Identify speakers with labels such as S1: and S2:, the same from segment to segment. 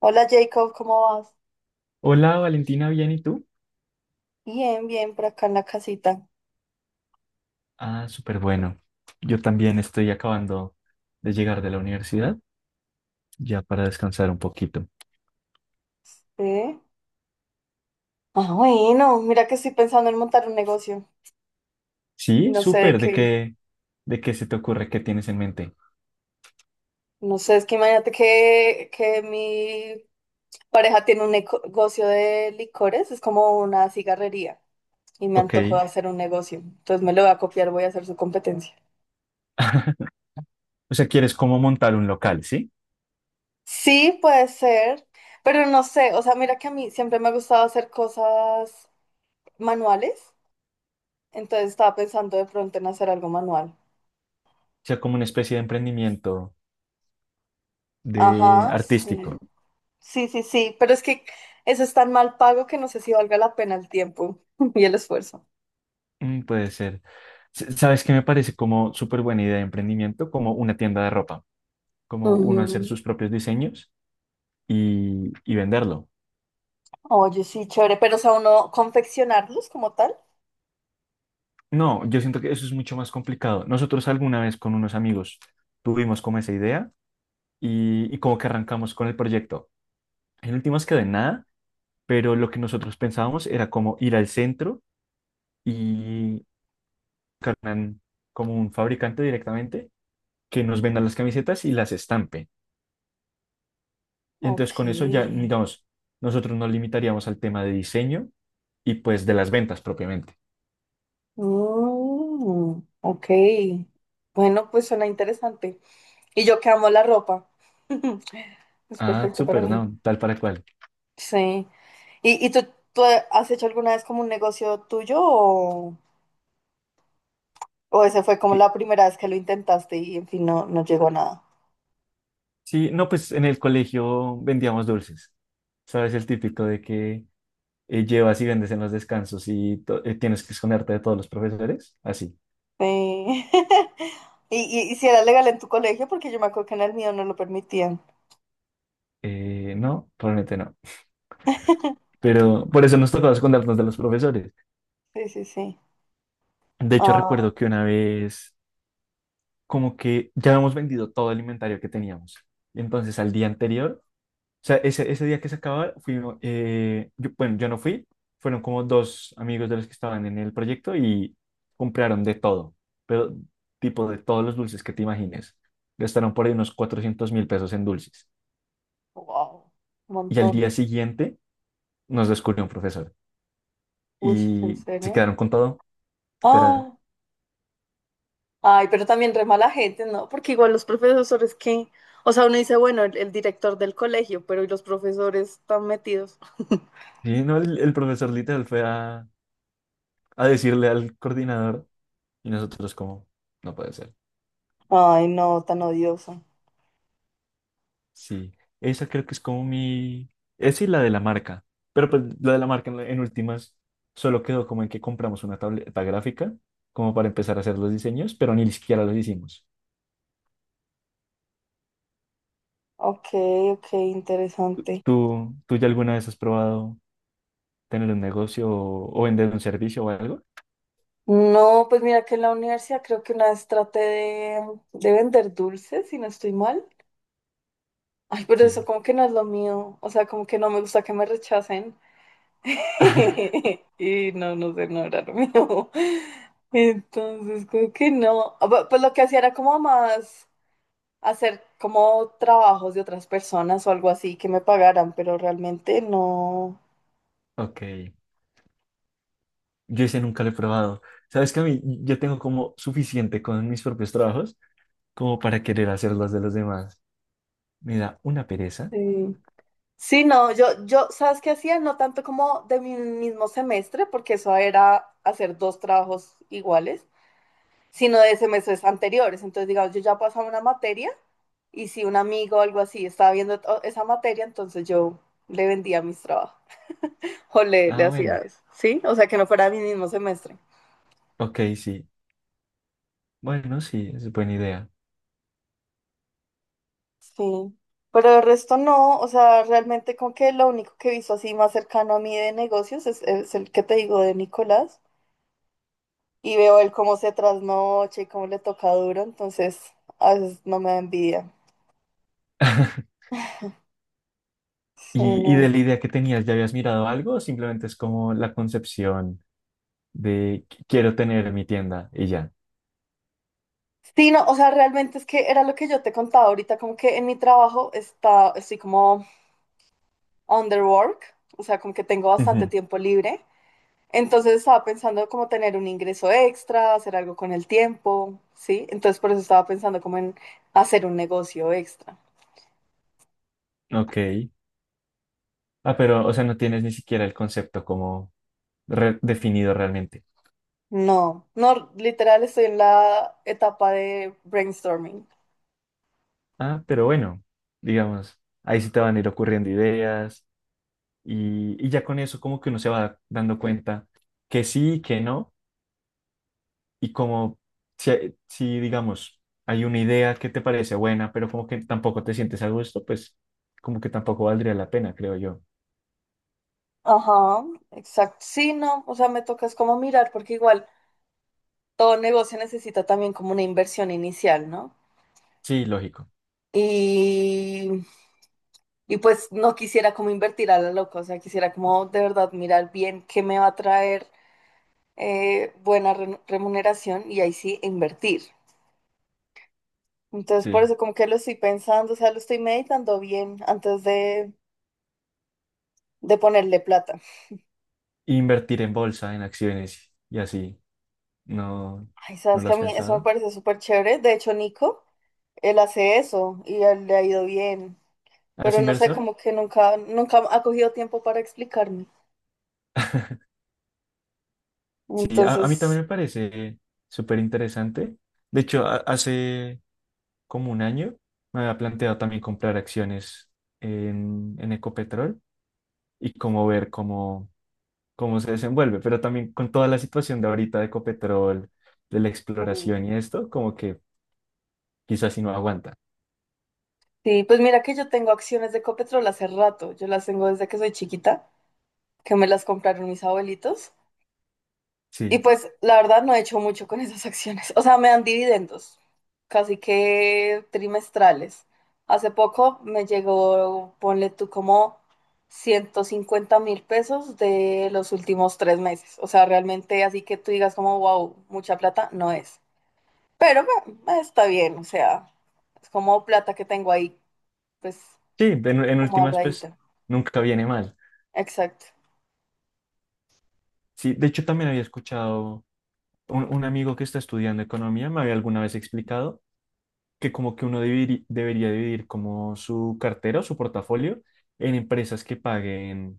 S1: Hola Jacob, ¿cómo vas?
S2: Hola Valentina, ¿bien y tú?
S1: Bien, por acá en la casita.
S2: Ah, súper bueno. Yo también estoy acabando de llegar de la universidad, ya para descansar un poquito.
S1: ¿Sí? Ah, bueno, mira que estoy pensando en montar un negocio.
S2: Sí,
S1: No sé de
S2: súper. ¿De
S1: qué,
S2: qué, de qué se te ocurre? ¿Qué tienes en mente?
S1: no sé, es que imagínate que mi pareja tiene un negocio de licores, es como una cigarrería y me
S2: Ok.
S1: antojó de hacer un negocio. Entonces me lo voy a copiar, voy a hacer su competencia.
S2: O sea, quieres cómo montar un local, ¿sí?
S1: Sí, puede ser, pero no sé, o sea, mira que a mí siempre me ha gustado hacer cosas manuales, entonces estaba pensando de pronto en hacer algo manual.
S2: O sea, como una especie de emprendimiento de
S1: Ajá, sí.
S2: artístico.
S1: Sí, pero es que eso es tan mal pago que no sé si valga la pena el tiempo y el esfuerzo.
S2: Mm, puede ser. ¿Sabes qué me parece como súper buena idea de emprendimiento? Como una tienda de ropa, como uno hacer
S1: Ujú.
S2: sus propios diseños y venderlo.
S1: Oye, sí, chévere, pero o sea, uno confeccionarlos como tal.
S2: No, yo siento que eso es mucho más complicado. Nosotros alguna vez con unos amigos tuvimos como esa idea y como que arrancamos con el proyecto. En últimas quedó en nada, pero lo que nosotros pensábamos era como ir al centro y cargan como un fabricante directamente que nos venda las camisetas y las estampe. Y
S1: Ok.
S2: entonces con eso ya, digamos, nosotros nos limitaríamos al tema de diseño y pues de las ventas propiamente.
S1: Mm, ok. Bueno, pues suena interesante. Y yo que amo la ropa. Es
S2: Ah,
S1: perfecto para
S2: súper,
S1: mí.
S2: no, tal para cual.
S1: Sí. ¿Y tú has hecho alguna vez como un negocio tuyo o ese fue como la primera vez que lo intentaste y en fin no, no llegó a nada?
S2: Sí, no, pues en el colegio vendíamos dulces. Sabes, el típico de que llevas y vendes en los descansos y tienes que esconderte de todos los profesores. Así.
S1: Sí. Y si era legal en tu colegio, porque yo me acuerdo que en el mío no lo permitían.
S2: No, probablemente no. Pero por eso nos tocaba escondernos de los profesores.
S1: Sí.
S2: De hecho,
S1: Ah,
S2: recuerdo que una vez, como que ya habíamos vendido todo el inventario que teníamos. Entonces, al día anterior, o sea, ese día que se acababa, fuimos, bueno, yo no fui, fueron como dos amigos de los que estaban en el proyecto y compraron de todo, pero tipo de todos los dulces que te imagines. Gastaron por ahí unos 400.000 pesos en dulces.
S1: wow. Un
S2: Y al
S1: montón.
S2: día siguiente nos descubrió un profesor
S1: Uy, ¿en
S2: y se
S1: serio?
S2: quedaron con todo, literal.
S1: Ah, ay, pero también re mala gente, ¿no? Porque igual los profesores que, o sea, uno dice, bueno, el director del colegio, pero ¿y los profesores están metidos?
S2: Sí, no, el profesor literal fue a decirle al coordinador y nosotros como, no puede ser.
S1: Ay, no, tan odioso.
S2: Sí, esa creo que es como mi... Esa y la de la marca. Pero pues la de la marca en últimas solo quedó como en que compramos una tableta gráfica como para empezar a hacer los diseños, pero ni siquiera los hicimos.
S1: Ok, ok, interesante.
S2: ¿Tú ya alguna vez has probado tener un negocio o vender un servicio o algo?
S1: No, pues mira que en la universidad creo que una vez traté de vender dulces, si no estoy mal. Ay, pero eso
S2: Sí,
S1: como que no es lo mío. O sea, como que no me gusta que me rechacen. Y no, no sé, no era lo mío. Entonces, como que no. Pues lo que hacía era como más hacer como trabajos de otras personas o algo así que me pagaran, pero realmente no.
S2: ok. Yo ese nunca lo he probado. Sabes que a mí yo tengo como suficiente con mis propios trabajos como para querer hacer los de los demás. Me da una pereza.
S1: Sí. Sí, no, yo, ¿sabes qué hacía? No tanto como de mi mismo semestre, porque eso era hacer dos trabajos iguales, sino de semestres anteriores. Entonces, digamos, yo ya pasaba una materia. Y si un amigo o algo así estaba viendo esa materia, entonces yo le vendía mis trabajos o le
S2: Ah,
S1: hacía
S2: bueno.
S1: eso, ¿sí? O sea, que no fuera mi mismo semestre.
S2: Ok, sí. Bueno, sí, es buena idea.
S1: Sí. Pero el resto no, o sea, realmente como que lo único que he visto así más cercano a mí de negocios es el que te digo de Nicolás. Y veo él cómo se trasnocha y cómo le toca duro, entonces a veces no me da envidia. Sí,
S2: ¿Y de
S1: no.
S2: la idea que tenías, ya habías mirado algo o simplemente es como la concepción de quiero tener mi tienda y ya"?
S1: Sí, no, o sea, realmente es que era lo que yo te contaba ahorita, como que en mi trabajo estoy como underwork, o sea, como que tengo bastante
S2: Ujú.
S1: tiempo libre. Entonces estaba pensando como tener un ingreso extra, hacer algo con el tiempo, ¿sí? Entonces por eso estaba pensando como en hacer un negocio extra.
S2: Ok. Ah, pero, o sea, no tienes ni siquiera el concepto como definido realmente.
S1: No, no, literal estoy en la etapa de brainstorming.
S2: Ah, pero bueno, digamos, ahí sí te van a ir ocurriendo ideas y ya con eso como que uno se va dando cuenta que sí, que no. Y como si, digamos, hay una idea que te parece buena, pero como que tampoco te sientes a gusto, pues como que tampoco valdría la pena, creo yo.
S1: Ajá, exacto. Sí, no, o sea, me toca es como mirar, porque igual todo negocio necesita también como una inversión inicial, ¿no?
S2: Sí, lógico,
S1: Y y pues no quisiera como invertir a la loca, o sea, quisiera como de verdad mirar bien qué me va a traer buena remuneración y ahí sí invertir. Entonces, por
S2: sí.
S1: eso como que lo estoy pensando, o sea, lo estoy meditando bien antes de ponerle plata.
S2: Invertir en bolsa, en acciones y así, ¿no,
S1: Ay,
S2: no
S1: sabes
S2: lo
S1: que a
S2: has
S1: mí eso me
S2: pensado?
S1: parece súper chévere. De hecho, Nico, él hace eso y a él le ha ido bien,
S2: ¿Has
S1: pero no sé,
S2: inversor?
S1: como que nunca ha cogido tiempo para explicarme.
S2: Sí, a mí
S1: Entonces...
S2: también me parece súper interesante. De hecho, hace como un año me había planteado también comprar acciones en Ecopetrol y como ver cómo se desenvuelve, pero también con toda la situación de ahorita de Ecopetrol, de la exploración y esto, como que quizás si no aguanta.
S1: Sí, pues mira que yo tengo acciones de Copetrol hace rato. Yo las tengo desde que soy chiquita, que me las compraron mis abuelitos. Y
S2: Sí,
S1: pues la verdad no he hecho mucho con esas acciones. O sea, me dan dividendos, casi que trimestrales. Hace poco me llegó, ponle tú como 150.000 pesos de los últimos 3 meses. O sea, realmente así que tú digas como wow, mucha plata, no es. Pero bueno, está bien, o sea, es como plata que tengo ahí, pues
S2: sí, en
S1: como
S2: últimas, pues
S1: ahorradita.
S2: nunca viene mal.
S1: Exacto.
S2: Sí, de hecho también había escuchado un amigo que está estudiando economía, me había alguna vez explicado que como que uno debería dividir como su cartera o su portafolio en empresas que paguen.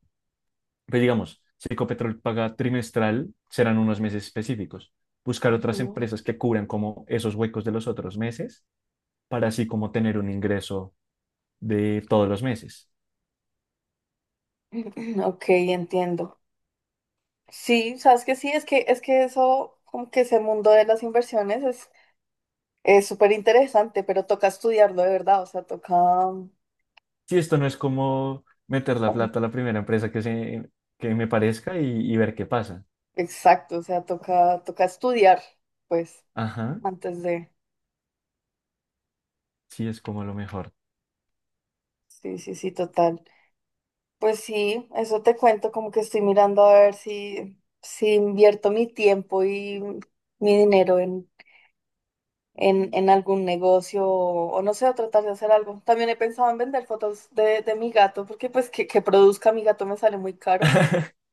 S2: Pues digamos, si Ecopetrol paga trimestral, serán unos meses específicos. Buscar otras
S1: Ujú.
S2: empresas que cubran como esos huecos de los otros meses para así como tener un ingreso de todos los meses.
S1: Ok, entiendo. Sí, sabes que sí, es que eso, como que ese mundo de las inversiones es súper interesante, pero toca estudiarlo de verdad, o sea, toca
S2: Si esto no es como meter la
S1: um,
S2: plata a la primera empresa que me parezca y ver qué pasa.
S1: exacto, o sea, toca estudiar, pues,
S2: Ajá,
S1: antes de
S2: sí es como lo mejor.
S1: sí, total. Pues sí, eso te cuento, como que estoy mirando a ver si invierto mi tiempo y mi dinero en algún negocio o no sé, a tratar de hacer algo. También he pensado en vender fotos de mi gato, porque pues que produzca mi gato me sale muy caro.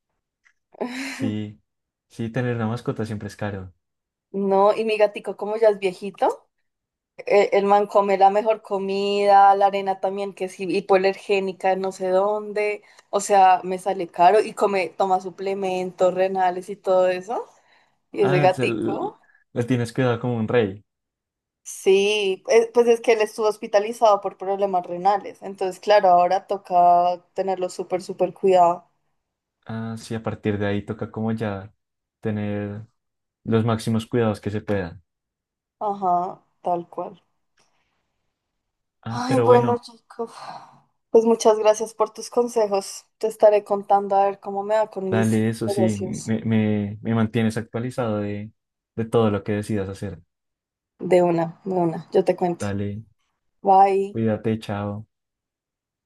S2: Sí, sí, tener una mascota siempre es caro.
S1: No, y mi gatico como ya es viejito, man come la mejor comida, la arena también que es hipoalergénica, de no sé dónde, o sea, me sale caro y come, toma suplementos renales y todo eso. Y ese
S2: Ah,
S1: gatico.
S2: la tienes cuidada como un rey.
S1: Sí, pues es que él estuvo hospitalizado por problemas renales, entonces claro, ahora toca tenerlo súper cuidado.
S2: Ah, sí, a partir de ahí toca como ya tener los máximos cuidados que se puedan.
S1: Ajá, tal cual.
S2: Ah,
S1: Ay,
S2: pero
S1: bueno,
S2: bueno,
S1: chicos, pues muchas gracias por tus consejos. Te estaré contando a ver cómo me va con mis
S2: dale eso, sí,
S1: negocios.
S2: me mantienes actualizado de, todo lo que decidas hacer.
S1: De una, yo te cuento.
S2: Dale,
S1: Bye.
S2: cuídate, chao.